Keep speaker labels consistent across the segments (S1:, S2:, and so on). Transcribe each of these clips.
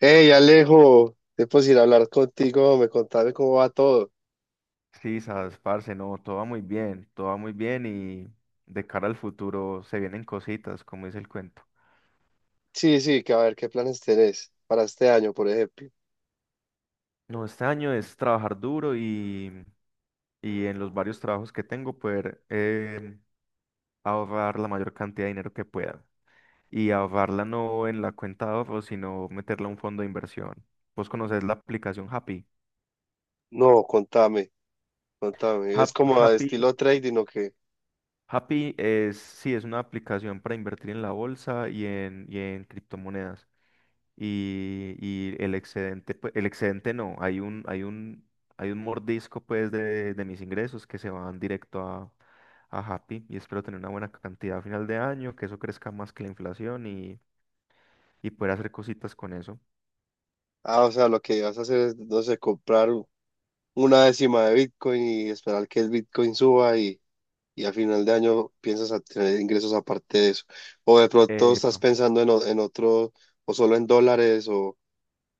S1: Hey Alejo, tiempo sin hablar contigo, me contame cómo va todo.
S2: Sí, sabes, parce, no, todo va muy bien, y de cara al futuro se vienen cositas, como dice el cuento.
S1: Sí, sí, que a ver, ¿qué planes tenés para este año, por ejemplo?
S2: No, este año es trabajar duro y en los varios trabajos que tengo poder ahorrar la mayor cantidad de dinero que pueda. Y ahorrarla no en la cuenta de ahorro, sino meterla a un fondo de inversión. Vos conocés la aplicación Happy.
S1: No, contame, contame. Es
S2: Hap-
S1: como a
S2: Happy,
S1: estilo trading o qué.
S2: Happy es, sí, es una aplicación para invertir en la bolsa y en criptomonedas. Y el excedente, pues, el excedente no, hay un mordisco pues de mis ingresos que se van a Happy y espero tener una buena cantidad a final de año, que eso crezca más que la inflación y poder hacer cositas con eso.
S1: Ah, o sea, lo que vas a hacer es, no sé, comprar una décima de Bitcoin y esperar que el Bitcoin suba y a final de año piensas a tener ingresos aparte de eso. O de pronto
S2: Eh,
S1: estás pensando en, en otro, o solo en dólares, o,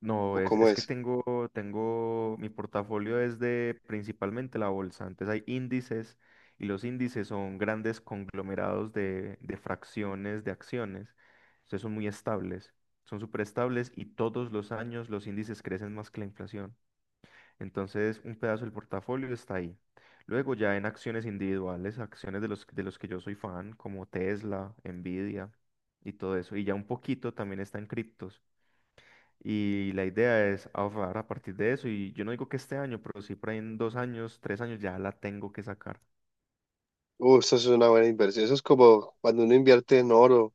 S2: No,
S1: o cómo
S2: es que
S1: es.
S2: tengo, mi portafolio es de principalmente la bolsa. Antes hay índices y los índices son grandes conglomerados de fracciones de acciones. Entonces son muy estables, son súper estables y todos los años los índices crecen más que la inflación. Entonces un pedazo del portafolio está ahí. Luego ya en acciones individuales, acciones de los que yo soy fan, como Tesla, Nvidia y todo eso. Y ya un poquito también está en criptos. Y la idea es ahorrar a partir de eso. Y yo no digo que este año, pero sí por ahí en dos años, tres años ya la tengo que sacar.
S1: Eso es una buena inversión. Eso es como cuando uno invierte en oro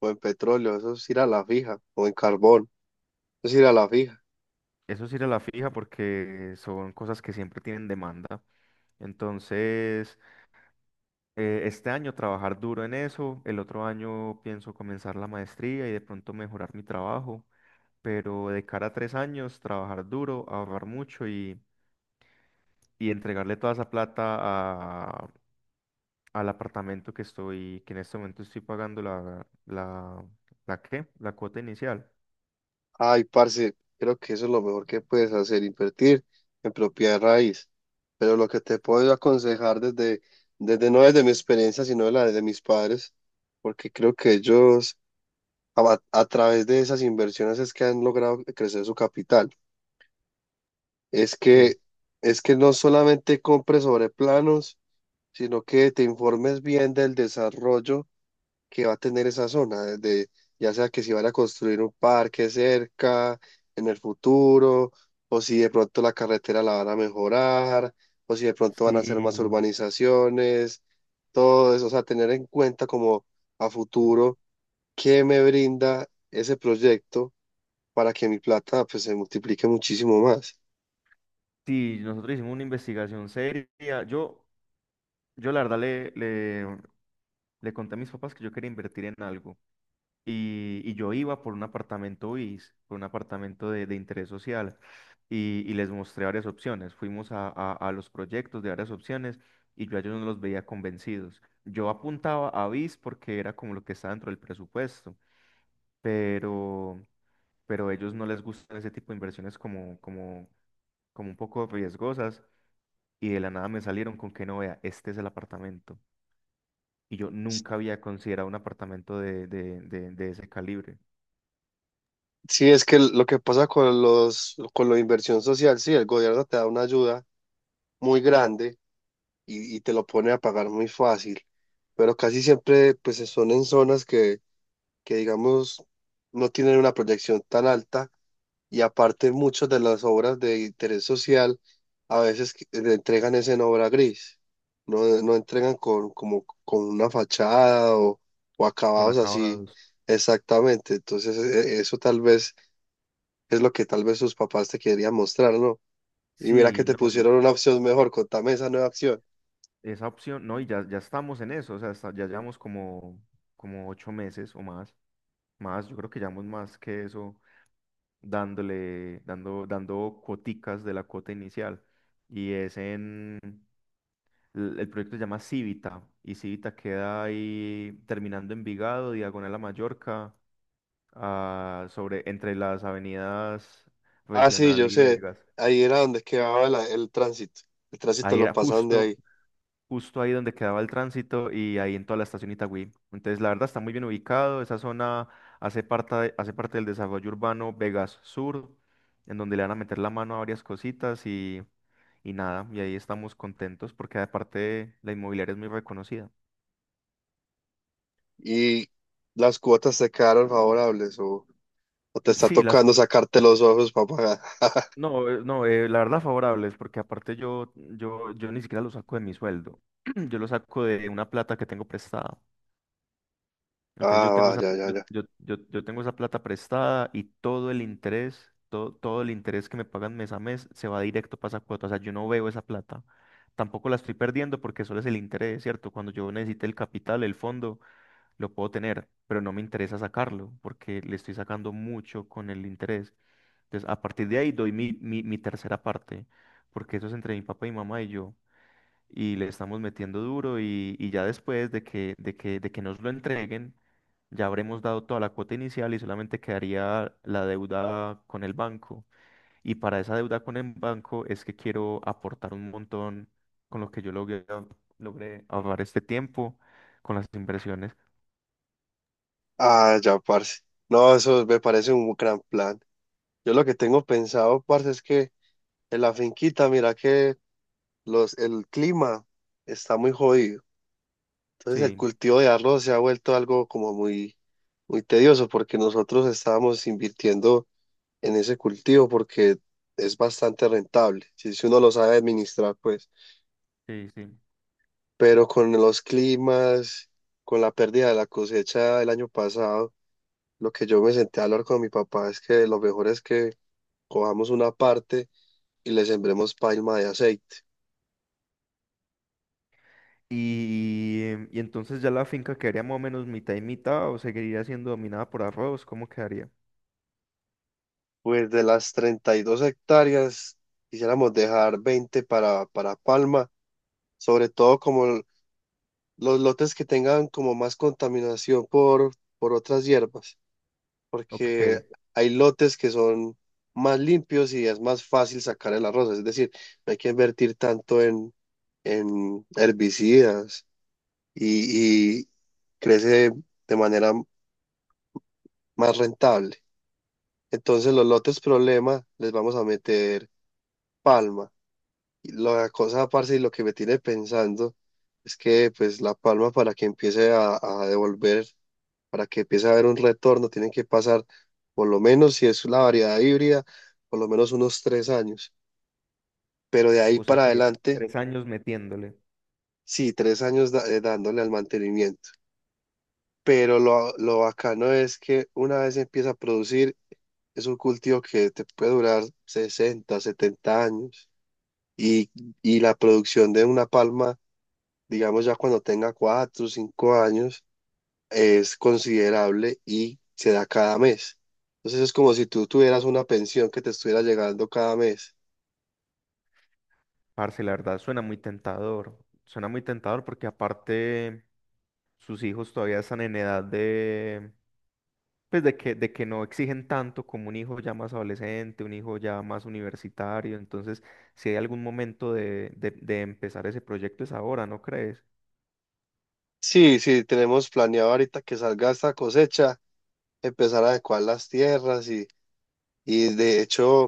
S1: o en petróleo, eso es ir a la fija, o en carbón, eso es ir a la fija.
S2: Eso sí era la fija porque son cosas que siempre tienen demanda. Entonces, este año trabajar duro en eso. El otro año pienso comenzar la maestría y de pronto mejorar mi trabajo. Pero de cara a tres años, trabajar duro, ahorrar mucho y entregarle toda esa plata al apartamento que estoy, que en este momento estoy pagando la qué, la cuota inicial.
S1: Ay, parce, creo que eso es lo mejor que puedes hacer, invertir en propiedad de raíz. Pero lo que te puedo aconsejar desde no desde mi experiencia, sino de la de mis padres, porque creo que ellos a través de esas inversiones es que han logrado crecer su capital. Es que,
S2: Sí,
S1: es que no solamente compres sobre planos, sino que te informes bien del desarrollo que va a tener esa zona, desde ya sea que si van a construir un parque cerca en el futuro, o si de pronto la carretera la van a mejorar, o si de pronto van a hacer más
S2: sí,
S1: urbanizaciones, todo eso, o sea, tener en cuenta como a futuro qué me brinda ese proyecto para que mi plata pues se multiplique muchísimo más.
S2: sí, nosotros hicimos una investigación seria. Yo la verdad le conté a mis papás que yo quería invertir en algo y yo iba por un apartamento BIS, por un apartamento de interés social y les mostré varias opciones. Fuimos a los proyectos de varias opciones y yo a ellos no los veía convencidos. Yo apuntaba a BIS porque era como lo que estaba dentro del presupuesto pero, pero a ellos no les gustan ese tipo de inversiones como un poco riesgosas y de la nada me salieron con que no vea, este es el apartamento. Y yo nunca había considerado un apartamento de ese calibre,
S1: Sí, es que lo que pasa con con la inversión social, sí, el gobierno te da una ayuda muy grande y te lo pone a pagar muy fácil. Pero casi siempre pues son en zonas que digamos no tienen una proyección tan alta y aparte muchas de las obras de interés social a veces le entregan es en obra gris. No, no entregan con una fachada o
S2: con
S1: acabados así
S2: acabados.
S1: exactamente. Entonces eso tal vez es lo que tal vez sus papás te querían mostrar, ¿no? Y mira que
S2: Sí,
S1: te
S2: no, y
S1: pusieron una opción mejor, contame esa nueva opción.
S2: esa opción, no, y ya, ya estamos en eso, o sea, ya llevamos como, como ocho meses o más, más, yo creo que llevamos más que eso, dando cuoticas de la cuota inicial. Y es en, el proyecto se llama Civita y Civita queda ahí terminando Envigado, diagonal a Mallorca, ah, sobre, entre las avenidas
S1: Ah, sí,
S2: Regional
S1: yo
S2: y
S1: sé.
S2: Vegas.
S1: Ahí era donde quedaba el tránsito. El tránsito
S2: Ahí
S1: lo
S2: era
S1: pasan de
S2: justo,
S1: ahí.
S2: justo ahí donde quedaba el tránsito y ahí en toda la estación Itagüí. Entonces, la verdad está muy bien ubicado. Esa zona hace parte del desarrollo urbano Vegas Sur, en donde le van a meter la mano a varias cositas y nada. Y ahí estamos contentos porque aparte la inmobiliaria es muy reconocida.
S1: Y las cuotas te quedaron favorables o te
S2: Eh,
S1: está
S2: Sí, las, co-
S1: tocando sacarte los ojos para pagar.
S2: No, la verdad favorables, porque aparte yo ni siquiera lo saco de mi sueldo, yo lo saco de una plata que tengo prestada. Entonces yo
S1: Ah,
S2: tengo
S1: va, ya, ya, ya.
S2: yo tengo esa plata prestada y todo el interés, todo el interés que me pagan mes a mes se va directo para esa cuota. O sea, yo no veo esa plata. Tampoco la estoy perdiendo porque solo es el interés, ¿cierto? Cuando yo necesite el capital, el fondo, lo puedo tener, pero no me interesa sacarlo porque le estoy sacando mucho con el interés. Entonces, a partir de ahí doy mi tercera parte, porque eso es entre mi papá y mi mamá y yo, y le estamos metiendo duro y ya después de que nos lo entreguen, ya habremos dado toda la cuota inicial y solamente quedaría la deuda con el banco. Y para esa deuda con el banco es que quiero aportar un montón con lo que yo logré ahorrar este tiempo, con las inversiones.
S1: Ah, ya, parce. No, eso me parece un gran plan. Yo lo que tengo pensado, parce, es que en la finquita, mira que el clima está muy jodido. Entonces el
S2: Sí,
S1: cultivo de arroz se ha vuelto algo como muy, muy tedioso porque nosotros estábamos invirtiendo en ese cultivo porque es bastante rentable, si uno lo sabe administrar, pues.
S2: sí, sí.
S1: Pero con los climas, con la pérdida de la cosecha del año pasado, lo que yo me senté a hablar con mi papá es que lo mejor es que cojamos una parte y le sembremos palma de aceite.
S2: Y, y entonces ya la finca quedaría más o menos mitad y mitad o seguiría siendo dominada por arroz, ¿cómo quedaría?
S1: Pues de las 32 hectáreas, quisiéramos dejar 20 para palma, sobre todo como los lotes que tengan como más contaminación por otras hierbas.
S2: Ok,
S1: Porque hay lotes que son más limpios y es más fácil sacar el arroz. Es decir, no hay que invertir tanto en herbicidas y crece de manera más rentable. Entonces, los lotes problema les vamos a meter palma. Y la cosa, parce, y lo que me tiene pensando es que, pues, la palma para que empiece a devolver, para que empiece a haber un retorno, tienen que pasar, por lo menos si es la variedad híbrida, por lo menos unos 3 años. Pero de ahí
S2: o sea
S1: para
S2: que
S1: adelante,
S2: tres años metiéndole.
S1: sí, 3 años dándole al mantenimiento. Pero lo bacano es que una vez empieza a producir, es un cultivo que te puede durar 60-70 años. Y, y la producción de una palma, digamos ya cuando tenga 4 o 5 años, es considerable y se da cada mes. Entonces es como si tú tuvieras una pensión que te estuviera llegando cada mes.
S2: Parce, la verdad suena muy tentador porque aparte sus hijos todavía están en edad de, pues de que no exigen tanto como un hijo ya más adolescente, un hijo ya más universitario, entonces si hay algún momento de empezar ese proyecto es ahora, ¿no crees?
S1: Sí, sí, tenemos planeado ahorita que salga esta cosecha, empezar a adecuar las tierras, y de hecho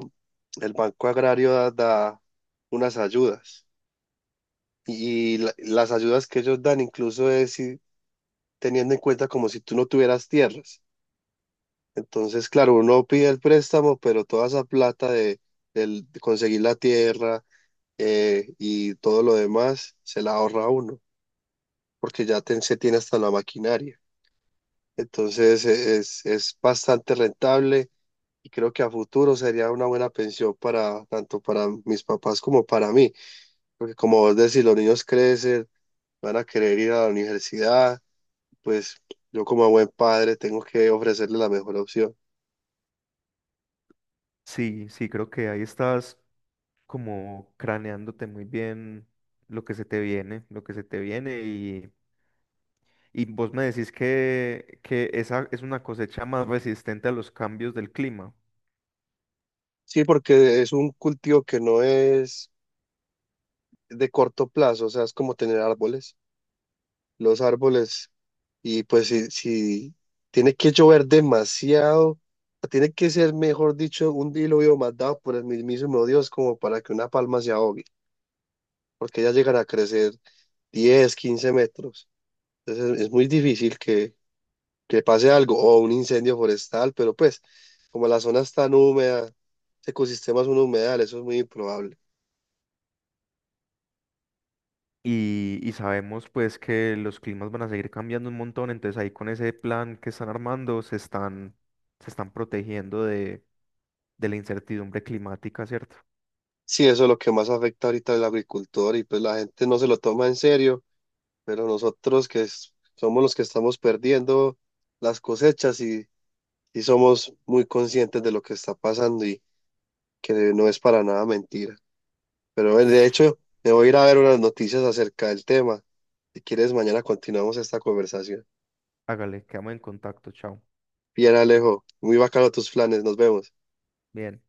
S1: el Banco Agrario da unas ayudas, y las ayudas que ellos dan incluso es si- teniendo en cuenta como si tú no tuvieras tierras. Entonces, claro, uno pide el préstamo, pero toda esa plata de conseguir la tierra, y todo lo demás se la ahorra uno, porque ya se tiene hasta la maquinaria. Entonces es bastante rentable y creo que a futuro sería una buena pensión para tanto para mis papás como para mí, porque como vos decís, los niños crecen, van a querer ir a la universidad, pues yo como buen padre tengo que ofrecerles la mejor opción.
S2: Sí, sí, creo que ahí estás como craneándote muy bien lo que se te viene, lo que se te viene y vos me decís que esa es una cosecha más resistente a los cambios del clima.
S1: Sí, porque es un cultivo que no es de corto plazo, o sea, es como tener árboles. Los árboles. Y pues si tiene que llover demasiado, tiene que ser, mejor dicho, un diluvio mandado por el mismísimo Dios como para que una palma se ahogue, porque ya llegará a crecer 10-15 metros. Entonces es muy difícil que pase algo, o un incendio forestal, pero pues como la zona es tan húmeda, ese ecosistema es un humedal, eso es muy improbable.
S2: Y sabemos pues que los climas van a seguir cambiando un montón, entonces ahí con ese plan que están armando se están protegiendo de la incertidumbre climática, ¿cierto?
S1: Sí, eso es lo que más afecta ahorita al agricultor y pues la gente no se lo toma en serio, pero nosotros que somos los que estamos perdiendo las cosechas y somos muy conscientes de lo que está pasando y que no es para nada mentira. Pero bueno, de hecho, me voy a ir a ver unas noticias acerca del tema. Si quieres, mañana continuamos esta conversación.
S2: Hágale, quedamos en contacto, chao.
S1: Bien, Alejo, muy bacano tus planes, nos vemos.
S2: Bien.